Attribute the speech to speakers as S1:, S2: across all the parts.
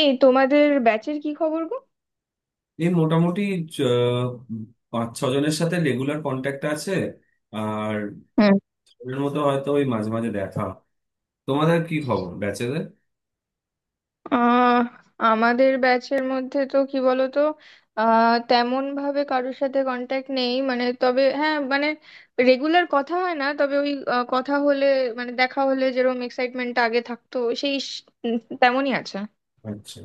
S1: এই তোমাদের ব্যাচের কি খবর গো?
S2: এই মোটামুটি। চ- 5-6 জনের সাথে রেগুলার কন্ট্যাক্ট আছে। আর
S1: হুম।
S2: এর মতো হয়তো ওই মাঝে মাঝে দেখা। তোমাদের কি খবর ব্যাচেদের?
S1: আহ আমাদের ব্যাচের মধ্যে তো কি বলতো, তেমন ভাবে কারোর সাথে কন্ট্যাক্ট নেই, মানে তবে হ্যাঁ, মানে রেগুলার কথা হয় না, তবে ওই কথা হলে, মানে দেখা হলে যেরকম এক্সাইটমেন্ট আগে থাকতো সেই তেমনই আছে।
S2: আচ্ছা,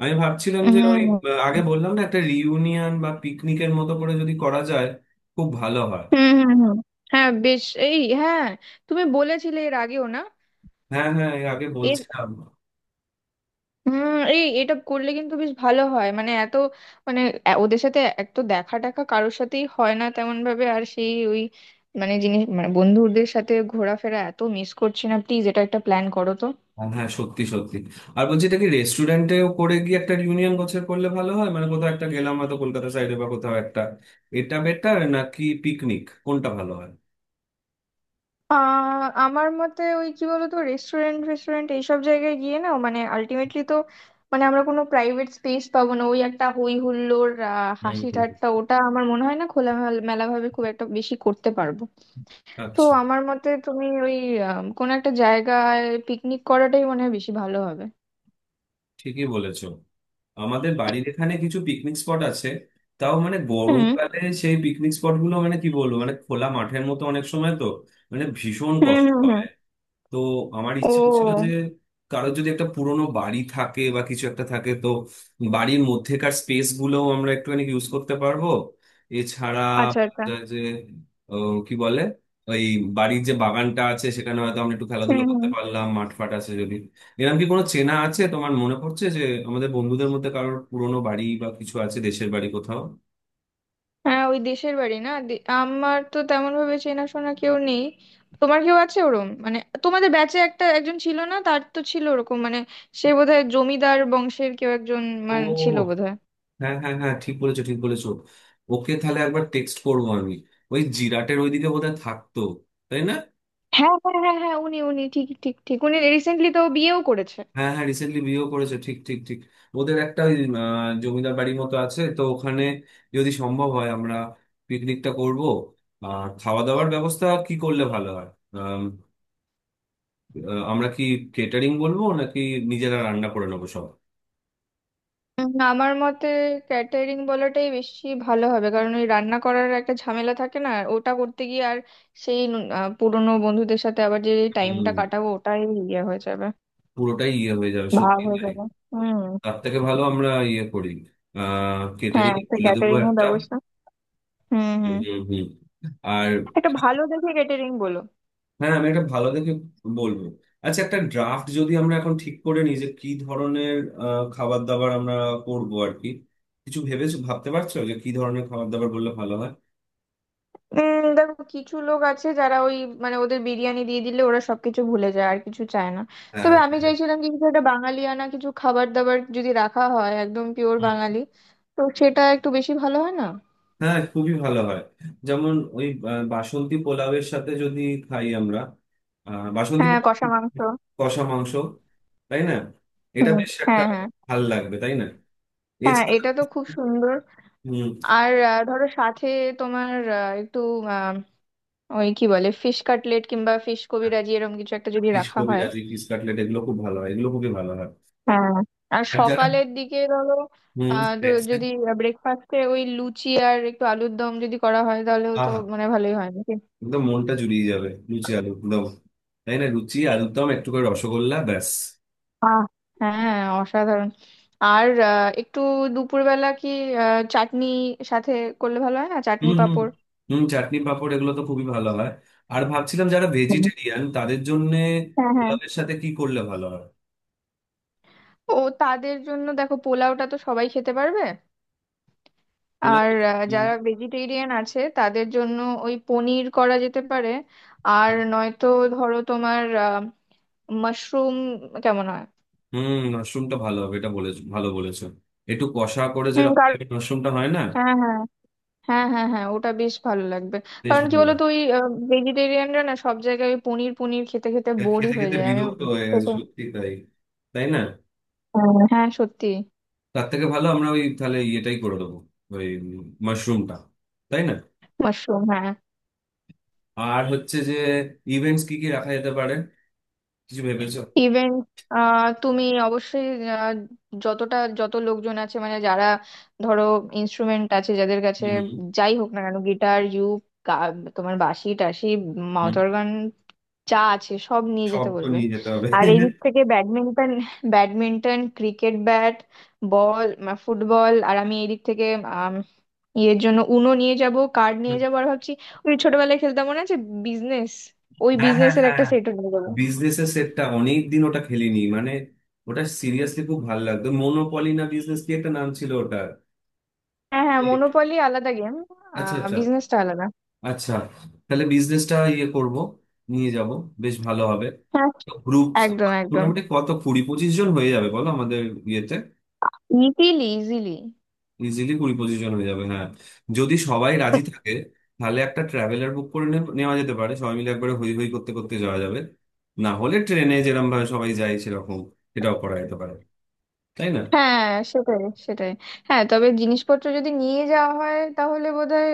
S2: আমি ভাবছিলাম যে ওই
S1: হুম,
S2: আগে বললাম না, একটা রিইউনিয়ন বা পিকনিকের মতো করে যদি করা যায় খুব ভালো হয়।
S1: হুম, হুম। হুম, হ্যাঁ বেশ, এই, হ্যাঁ। তুমি বলেছিলে এর আগেও না?
S2: হ্যাঁ হ্যাঁ, এর আগে বলছিলাম।
S1: হুম, এই এটা করলে কিন্তু বেশ ভালো হয়, মানে এত, মানে ওদের সাথে এক তো দেখা টাকা কারোর সাথেই হয় না তেমন ভাবে, আর সেই ওই, মানে জিনিস, মানে বন্ধুদের সাথে ঘোরাফেরা এত মিস করছি না, প্লিজ এটা একটা প্ল্যান করো তো।
S2: হ্যাঁ হ্যাঁ, সত্যি সত্যি। আর বলছি, এটা কি রেস্টুরেন্টেও করে গিয়ে একটা রিউনিয়ন গোছের করলে ভালো হয়? মানে কোথাও একটা গেলাম, হয়তো কলকাতা সাইডে বা কোথাও একটা। এটা বেটার নাকি পিকনিক, কোনটা ভালো হয়?
S1: আমার মতে ওই কি বলতো, রেস্টুরেন্ট রেস্টুরেন্ট এইসব জায়গায় গিয়ে না, মানে আলটিমেটলি তো মানে আমরা কোনো প্রাইভেট স্পেস পাবো না, ওই একটা হই হুল্লোড়,
S2: হুম
S1: হাসি
S2: হুম।
S1: ঠাট্টা ওটা আমার মনে হয় না খোলামেলা ভাবে খুব একটা বেশি করতে পারবো। তো
S2: আচ্ছা।
S1: আমার মতে তুমি ওই কোনো একটা জায়গায় পিকনিক করাটাই মনে হয় বেশি ভালো হবে।
S2: ঠিকই বলেছো। আমাদের বাড়ির এখানে কিছু পিকনিক স্পট আছে, তাও মানে
S1: হুম,
S2: গরমকালে সেই পিকনিক স্পট গুলো মানে কি বলবো, মানে খোলা মাঠের মতো অনেক সময় তো মানে ভীষণ
S1: হুম,
S2: কষ্ট
S1: হুম, হুম।
S2: হবে। তো আমার
S1: ও,
S2: ইচ্ছে ছিল যে কারোর যদি একটা পুরোনো বাড়ি থাকে বা কিছু একটা থাকে, তো বাড়ির মধ্যেকার স্পেস গুলোও আমরা একটুখানি ইউজ করতে পারবো। এছাড়া
S1: আচ্ছা, আচ্ছা।
S2: যে কি বলে, ওই বাড়ির যে বাগানটা আছে সেখানে হয়তো আমরা একটু খেলাধুলো
S1: হুম,
S2: করতে
S1: হুম।
S2: পারলাম, মাঠ ফাট আছে যদি। এরকম কি কোনো চেনা আছে, তোমার মনে পড়ছে যে আমাদের বন্ধুদের মধ্যে কারোর পুরোনো বাড়ি বা কিছু আছে, দেশের বাড়ি কোথাও?
S1: হ্যাঁ, ওই দেশের বাড়ি না আমার তো তেমন ভাবে চেনাশোনা কেউ নেই। তোমার কেউ আছে ওরম, মানে? তোমাদের ব্যাচে একটা একজন ছিল না, তার তো ছিল ওরকম, মানে সে বোধহয় জমিদার বংশের কেউ একজন,
S2: ও,
S1: মানে ছিল বোধহয়।
S2: হ্যাঁ হ্যাঁ হ্যাঁ, ঠিক বলেছো, ঠিক বলেছো। ওকে, তাহলে একবার টেক্সট করবো আমি। ওই জিরাটের ওইদিকে বোধহয় থাকতো, তাই না?
S1: হ্যাঁ, হ্যাঁ, হ্যাঁ, হ্যাঁ, উনি উনি ঠিক, ঠিক, ঠিক, উনি রিসেন্টলি তো বিয়েও করেছে।
S2: হ্যাঁ হ্যাঁ, রিসেন্টলি বিয়েও করেছে, ঠিক ঠিক ঠিক। ওদের একটা ওই জমিদার বাড়ির মতো আছে তো ওখানে। যদি সম্ভব হয়, আমরা পিকনিকটা করব। আর খাওয়া দাওয়ার ব্যবস্থা কি করলে ভালো হয়? আম, আমরা কি কেটারিং বলবো নাকি নিজেরা রান্না করে নেবো সব?
S1: আমার মতে ক্যাটারিং বলাটাই বেশি ভালো হবে, কারণ ওই রান্না করার একটা ঝামেলা থাকে না ওটা করতে গিয়ে, আর সেই পুরনো বন্ধুদের সাথে আবার যে টাইমটা
S2: হম।
S1: কাটাবো ওটাই ইয়ে হয়ে যাবে।
S2: পুরোটাই ইয়ে হয়ে যাবে,
S1: ভাব
S2: সত্যি
S1: হয়ে
S2: তাই।
S1: যাবে। হুম।
S2: তার থেকে ভালো আমরা ইয়ে করি।
S1: হ্যাঁ,
S2: কেটারিং
S1: একটা
S2: বলে দেবো
S1: ক্যাটারিং এর
S2: একটা।
S1: ব্যবস্থা। হুম, হুম।
S2: হুম হুম। আর,
S1: একটা ভালো দেখে ক্যাটারিং বলো।
S2: হ্যাঁ, আমি একটা ভালো দেখে বলবো। আচ্ছা, একটা ড্রাফট যদি আমরা এখন ঠিক করে নিই যে কি ধরনের খাবার দাবার আমরা করব আর কি। কিছু ভেবেছো? ভাবতে পারছো যে কি ধরনের খাবার দাবার বললে ভালো হয়?
S1: দেখো, কিছু লোক আছে যারা ওই, মানে ওদের বিরিয়ানি দিয়ে দিলে ওরা সবকিছু ভুলে যায় আর কিছু চায় না।
S2: হ্যাঁ
S1: তবে আমি চাইছিলাম কি কিছু একটা বাঙালিয়ানা কিছু খাবার দাবার যদি রাখা হয়, একদম পিওর বাঙালি, তো সেটা একটু বেশি ভালো হয় না?
S2: হ্যাঁ, খুবই ভালো হয়। যেমন ওই বাসন্তী পোলাওয়ের সাথে যদি খাই আমরা। বাসন্তী
S1: হ্যাঁ,
S2: পোলাও,
S1: কষা মাংস।
S2: কষা মাংস, তাই না? এটা
S1: হুম।
S2: বেশ একটা
S1: হ্যাঁ, হ্যাঁ।
S2: ভাল লাগবে, তাই না?
S1: হ্যাঁ,
S2: এছাড়া
S1: এটা তো খুব সুন্দর।
S2: হুম।
S1: আর ধরো সাথে তোমার একটু আহ, ওই কি বলে, ফিশ কাটলেট কিংবা ফিশ কবিরাজি এরকম কিছু একটা যদি
S2: এই
S1: রাখা হয়।
S2: কবিরাজি, স্কটল্যান্ড, এগুলো খুব ভালো হয়, এগুলো খুবই ভালো হয়।
S1: হ্যাঁ। আর
S2: আর যারা
S1: সকালের দিকে ধরো,
S2: দেখছেন।
S1: যদি ব্রেকফাস্টে ওই লুচি আর একটু আলুর দম যদি করা হয় তাহলেও তো
S2: আহা,
S1: মানে ভালোই হয় নাকি?
S2: একদম মনটা জুড়িয়ে যাবে, লুচি আলু দম, তাই না? লুচি আলুর দম একটু করে রসগোল্লা, ব্যাস।
S1: আহ হ্যাঁ, অসাধারণ। আর একটু দুপুরবেলা কি চাটনি সাথে করলে ভালো হয় না, চাটনি
S2: হুম হুম
S1: পাঁপড়?
S2: হুম, চাটনি পাঁপড়, এগুলো তো খুবই ভালো হয়। আর ভাবছিলাম, যারা
S1: হুম।
S2: ভেজিটেরিয়ান তাদের জন্য
S1: হ্যাঁ, হ্যাঁ।
S2: পোলাওয়ের সাথে কি করলে ভালো হয়?
S1: ও, তাদের জন্য দেখো পোলাওটা তো সবাই খেতে পারবে।
S2: পোলাও।
S1: আর
S2: হুম
S1: যারা ভেজিটেরিয়ান আছে তাদের জন্য ওই পনির করা যেতে পারে, আর নয়তো ধরো তোমার মাশরুম, কেমন হয়?
S2: হুম, মাশরুমটা ভালো হবে, এটা বলে। ভালো বলেছো। একটু কষা করে,
S1: হুম,
S2: যেরকম
S1: কারণ
S2: একটা মাশরুমটা হয় না,
S1: হ্যাঁ, হ্যাঁ। হ্যাঁ, হ্যাঁ, হ্যাঁ, ওটা বেশ ভালো লাগবে।
S2: বেশ
S1: কারণ কি
S2: ভালো লাগে।
S1: বলতো ওই ভেজিটেরিয়ানরা না সব জায়গায় ওই পনির পনির খেতে খেতে
S2: আর
S1: বোরই
S2: খেতে
S1: হয়ে
S2: খেতে
S1: যায়, আমি
S2: বিরক্ত হয়ে গেছে,
S1: খেতে।
S2: সত্যি তাই, তাই না?
S1: হ্যাঁ, হ্যাঁ, সত্যি।
S2: তার থেকে ভালো আমরা ওই তাহলে ইয়েটাই করে দেবো, ওই মাশরুমটা, তাই না?
S1: মাশরুম, হ্যাঁ।
S2: আর হচ্ছে যে ইভেন্টস কি কি রাখা যেতে পারে, কিছু ভেবেছো?
S1: ইভেন তুমি অবশ্যই আহ, যতটা যত লোকজন আছে, মানে যারা, ধরো ইনস্ট্রুমেন্ট আছে যাদের কাছে,
S2: হুম, হুম,
S1: যাই হোক না কেন, গিটার, ইউক, গা- তোমার বাঁশি টাশি, মাউথ
S2: হুম।
S1: অর্গান, যা আছে সব নিয়ে
S2: সব
S1: যেতে
S2: তো
S1: বলবে।
S2: নিয়ে যেতে হবে।
S1: আর এই দিক থেকে badminton, cricket bat, ball, football. আর আমি এই দিক থেকে আম, ইয়ের জন্য উনো নিয়ে যাব, কার্ড নিয়ে যাবো, আর ভাবছি ওই ছোটবেলায় খেলতাম মনে আছে, বিজনেস, ওই
S2: হ্যাঁ হ্যাঁ
S1: বিজনেসের একটা
S2: হ্যাঁ,
S1: সেটও নিয়ে যাবো।
S2: বিজনেস এর সেটটা অনেক দিন ওটা খেলিনি মানে। ওটা সিরিয়াসলি খুব ভালো লাগতো, মনোপলি না বিজনেস, কি একটা নাম ছিল ওটা।
S1: হ্যাঁ, হ্যাঁ, মনোপলি আলাদা গেম,
S2: আচ্ছা আচ্ছা।
S1: বিজনেসটা আলাদা।
S2: আচ্ছা, তাহলে বিজনেসটা ইয়ে করব, নিয়ে যাব, বেশ ভালো হবে।
S1: হ্যাঁ,
S2: গ্রুপ।
S1: একদম, একদম।
S2: মোটামুটি কত, 20-25 জন হয়ে যাবে বলো আমাদের ইয়েতে?
S1: Easily, easily.
S2: ইজিলি 20-25 জন হয়ে যাবে, হ্যাঁ, যদি সবাই রাজি থাকে। তাহলে একটা ট্রাভেলার বুক করে নেওয়া যেতে পারে, সবাই মিলে একবারে হই হই করতে করতে যাওয়া যাবে। না হলে ট্রেনে যেরকম ভাবে সবাই যায় সেরকম এটাও করা যেতে পারে, তাই না?
S1: হ্যাঁ, সেটাই, সেটাই। হ্যাঁ, তবে জিনিসপত্র যদি নিয়ে যাওয়া হয় তাহলে বোধহয়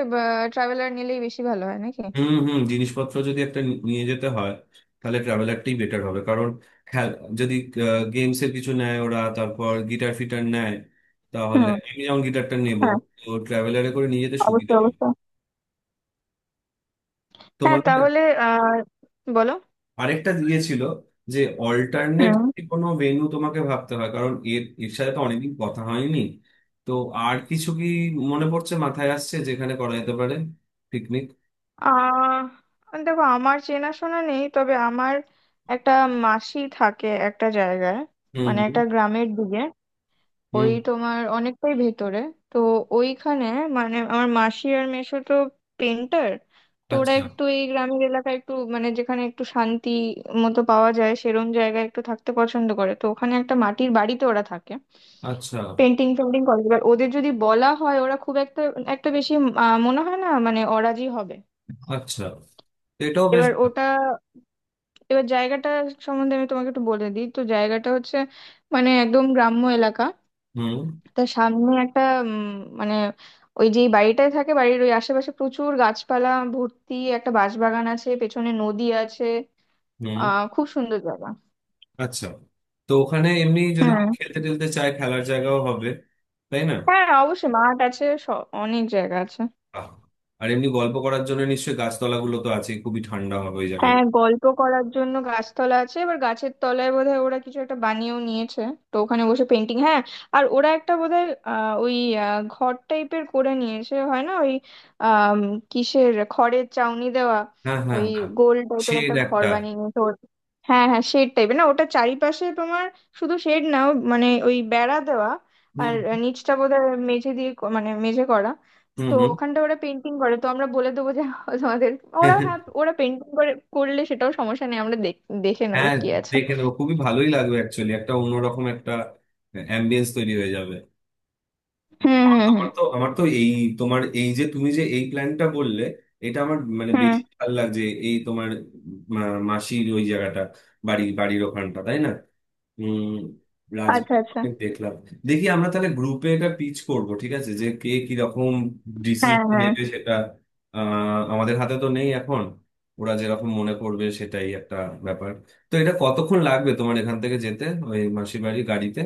S1: ট্রাভেলার নিলেই বেশি ভালো হয় নাকি?
S2: হুম হুম, জিনিসপত্র যদি একটা নিয়ে যেতে হয় তাহলে ট্রাভেলারটাই বেটার হবে, কারণ হ্যাঁ, যদি গেমস এর কিছু নেয় ওরা, তারপর গিটার ফিটার নেয়, তাহলে
S1: হুম,
S2: আমি যেমন গিটারটা নেবো,
S1: হ্যাঁ,
S2: তো ট্রাভেলারে করে নিয়ে যেতে সুবিধা
S1: অবশ্যই,
S2: হবে।
S1: অবশ্যই। হ্যাঁ,
S2: তোমাদের
S1: তাহলে আহ বলো।
S2: আরেকটা দিয়েছিল যে অল্টারনেট
S1: হুম।
S2: কোনো ভেন্যু তোমাকে ভাবতে হয়, কারণ এর এর সাথে তো অনেকদিন কথা হয়নি। তো আর কিছু কি মনে পড়ছে, মাথায় আসছে যেখানে করা যেতে পারে পিকনিক?
S1: দেখো, আমার চেনাশোনা নেই, তবে আমার একটা মাসি থাকে একটা জায়গায়,
S2: হুম
S1: মানে
S2: হুম
S1: একটা গ্রামের দিকে,
S2: হুম।
S1: ওই তোমার অনেকটাই ভেতরে। তো ওইখানে, মানে আমার মাসি আর মেসো তো পেন্টার, তো ওরা
S2: আচ্ছা
S1: একটু এই গ্রামের এলাকায় একটু, মানে যেখানে একটু শান্তি মতো পাওয়া যায় সেরম জায়গায় একটু থাকতে পছন্দ করে, তো ওখানে একটা মাটির বাড়িতে ওরা থাকে,
S2: আচ্ছা
S1: পেন্টিং পেন্টিং করে। এবার ওদের যদি বলা হয় ওরা খুব একটা একটা বেশি মনে হয় না, মানে অরাজি হবে।
S2: আচ্ছা, তো এটাও বেশ
S1: এবার
S2: ভালো।
S1: ওটা, এবার জায়গাটা সম্বন্ধে আমি তোমাকে একটু বলে দিই, তো জায়গাটা হচ্ছে মানে একদম গ্রাম্য এলাকা,
S2: হুম
S1: তার সামনে একটা উম, মানে ওই যেই বাড়িটায় থাকে বাড়ির ওই আশেপাশে প্রচুর গাছপালা ভর্তি, একটা বাঁশবাগান আছে, পেছনে নদী আছে,
S2: হুম।
S1: খুব সুন্দর জায়গা।
S2: আচ্ছা, তো ওখানে এমনি যদি
S1: হুম।
S2: কেউ খেলতে টেলতে চায়, খেলার জায়গাও হবে, তাই না?
S1: হ্যাঁ অবশ্যই, মাঠ আছে, অনেক জায়গা আছে।
S2: বাহ। আর এমনি গল্প করার জন্য নিশ্চয়ই গাছতলাগুলো তো আছে, খুবই ঠান্ডা হবে ওই
S1: হ্যাঁ,
S2: জায়গাগুলো।
S1: গল্প করার জন্য গাছতলা আছে, এবার গাছের তলায় বোধহয় ওরা কিছু একটা বানিয়েও নিয়েছে, তো ওখানে বসে পেন্টিং, হ্যাঁ। আর ওরা একটা বোধহয় ওই ঘর টাইপের করে নিয়েছে, হয় না ওই আম, কিসের, খড়ের চাউনি দেওয়া
S2: হ্যাঁ হ্যাঁ
S1: ওই
S2: হ্যাঁ,
S1: গোল টাইপের
S2: শেড
S1: একটা ঘর
S2: একটা।
S1: বানিয়ে নিয়েছে হ্যাঁ, হ্যাঁ, শেড টাইপের না, ওটা চারিপাশে তোমার, শুধু শেড না, ও মানে ওই বেড়া দেওয়া, আর
S2: হুম
S1: নিচটা বোধহয় মেঝে দিয়ে, মানে মেঝে করা।
S2: হুম
S1: তো
S2: হুম,
S1: ওখানটা ওরা পেন্টিং করে, তো আমরা বলে দেবো যে তোমাদের ওরা, হ্যাঁ ওরা পেন্টিং করে করলে সেটাও সমস্যা নেই, আমরা দেখে নেবো
S2: হ্যাঁ
S1: কি আছে।
S2: দেখে নেবো, খুবই ভালোই লাগবে অ্যাকচুয়ালি, একটা অন্যরকম একটা অ্যাম্বিয়েন্স তৈরি হয়ে যাবে।
S1: হুম,
S2: আমার
S1: হুম, হুম,
S2: আমার তো আমার তো এই তোমার এই যে তুমি যে এই প্ল্যানটা বললে, এটা আমার মানে
S1: হুম।
S2: বেশি ভালো লাগছে। এই তোমার মাসির ওই জায়গাটা, বাড়ির ওখানটা, তাই না? হম
S1: আচ্ছা, আচ্ছা।
S2: রাজবীরকে দেখলাম। দেখি আমরা তাহলে গ্রুপে এটা পিচ করব, ঠিক আছে, যে কে কি রকম
S1: হ্যাঁ,
S2: ডিসিশন
S1: হ্যাঁ।
S2: নেবে সেটা। আমাদের হাতে তো নেই এখন। ওরা যেরকম মনে করবে সেটাই একটা ব্যাপার। তো এটা কতক্ষণ লাগবে তোমার এখান থেকে যেতে, ওই মাসির বাড়ি গাড়িতে?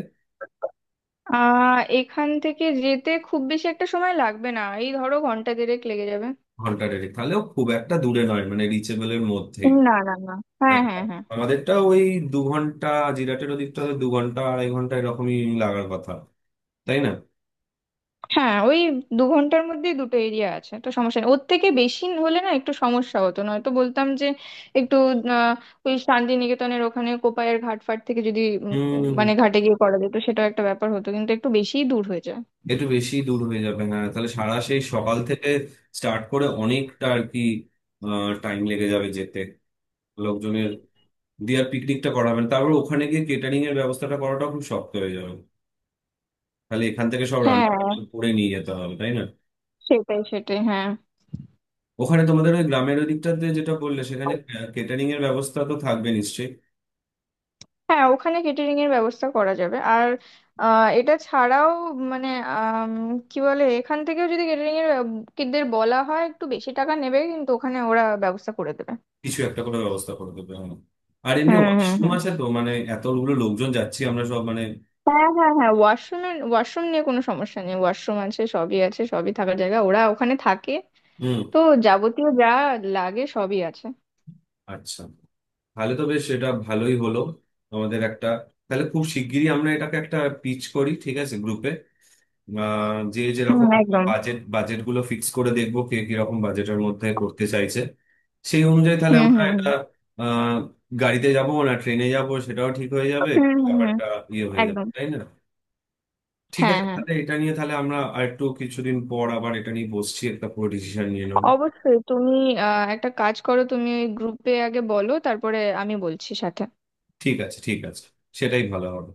S1: এখান থেকে যেতে খুব বেশি একটা সময় লাগবে না, এই ধরো ঘন্টা দেড়েক লেগে যাবে।
S2: ঘন্টা দেড়েক তাহলেও খুব একটা দূরে নয়, মানে রিচেবলের মধ্যেই।
S1: না, না, না। হ্যাঁ,
S2: হ্যাঁ,
S1: হ্যাঁ, হ্যাঁ,
S2: আমাদেরটা ওই 2 ঘন্টা, জিরাটের ওদিকটা তো 2-2.5 ঘন্টা এরকমই লাগার কথা, তাই না?
S1: হ্যাঁ। ওই দু ঘন্টার মধ্যেই দুটো এরিয়া আছে তো সমস্যা নেই, ওর থেকে বেশি হলে না একটু সমস্যা হতো, নয়তো বলতাম যে একটু আহ, ওই শান্তিনিকেতনের ওখানে কোপায়ের ঘাট ফাট থেকে যদি
S2: হুম,
S1: মানে ঘাটে গিয়ে করা যেত সেটাও একটা ব্যাপার হতো, কিন্তু একটু বেশিই দূর হয়ে যায়।
S2: একটু বেশি দূর হয়ে যাবে হ্যাঁ, তাহলে সারা সেই সকাল থেকে স্টার্ট করে অনেকটা আর কি টাইম লেগে যাবে যেতে, লোকজনের দিয়ে আর পিকনিকটা করাবেন, তারপর ওখানে গিয়ে কেটারিং এর ব্যবস্থাটা করাটা খুব শক্ত হয়ে যাবে। তাহলে এখান থেকে সব রান্না
S1: হ্যাঁ,
S2: বান্না করে নিয়ে যেতে হবে, তাই না?
S1: সেটাই, সেটাই, হ্যাঁ।
S2: ওখানে তোমাদের ওই গ্রামের ওই দিকটাতে যেটা বললে সেখানে কেটারিং এর ব্যবস্থা তো থাকবে নিশ্চয়ই?
S1: হ্যাঁ, ওখানে কেটারিং এর ব্যবস্থা করা যাবে, আর এটা ছাড়াও, মানে আম, কি বলে এখান থেকেও যদি কেটারিং এর দের বলা হয়, একটু বেশি টাকা নেবে কিন্তু ওখানে ওরা ব্যবস্থা করে দেবে।
S2: কিছু একটা করে ব্যবস্থা করে দেবে, হ্যাঁ। আর এমনি
S1: হুম, হুম,
S2: ওয়াশরুম
S1: হুম।
S2: আছে তো, মানে এতগুলো লোকজন যাচ্ছি আমরা, সব মানে।
S1: হ্যাঁ, হ্যাঁ, হ্যাঁ, ওয়াশরুম। ওয়াশরুম নিয়ে কোনো সমস্যা নেই, ওয়াশরুম আছে, সবই আছে, সবই, থাকার জায়গা ওরা ওখানে থাকে,
S2: হুম।
S1: তো যাবতীয় যা লাগে সবই আছে।
S2: আচ্ছা, তাহলে তো বেশ এটা ভালোই হলো আমাদের একটা। তাহলে খুব শিগগিরই আমরা এটাকে একটা পিচ করি, ঠিক আছে, গ্রুপে। যে
S1: হুম,
S2: যেরকম
S1: একদম।
S2: বাজেট বাজেট গুলো ফিক্স করে দেখবো কে কিরকম বাজেটের মধ্যে করতে চাইছে, সেই অনুযায়ী তাহলে
S1: হুম,
S2: আমরা
S1: হুম,
S2: এটা আহ গাড়িতে যাবো না ট্রেনে যাবো সেটাও ঠিক হয়ে
S1: হুম,
S2: যাবে।
S1: হুম, হুম, হুম,
S2: ব্যাপারটা ইয়ে হয়ে যাবে,
S1: একদম।
S2: তাই না? ঠিক
S1: হ্যাঁ,
S2: আছে,
S1: হ্যাঁ,
S2: তাহলে এটা নিয়ে তাহলে আমরা আর একটু কিছুদিন পর আবার এটা নিয়ে বসছি, একটা পুরো ডিসিশন নিয়ে নেবো।
S1: অবশ্যই। তুমি একটা কাজ করো, তুমি ওই গ্রুপে আগে বলো, তারপরে আমি বলছি সাথে।
S2: ঠিক আছে ঠিক আছে, সেটাই ভালো হবে।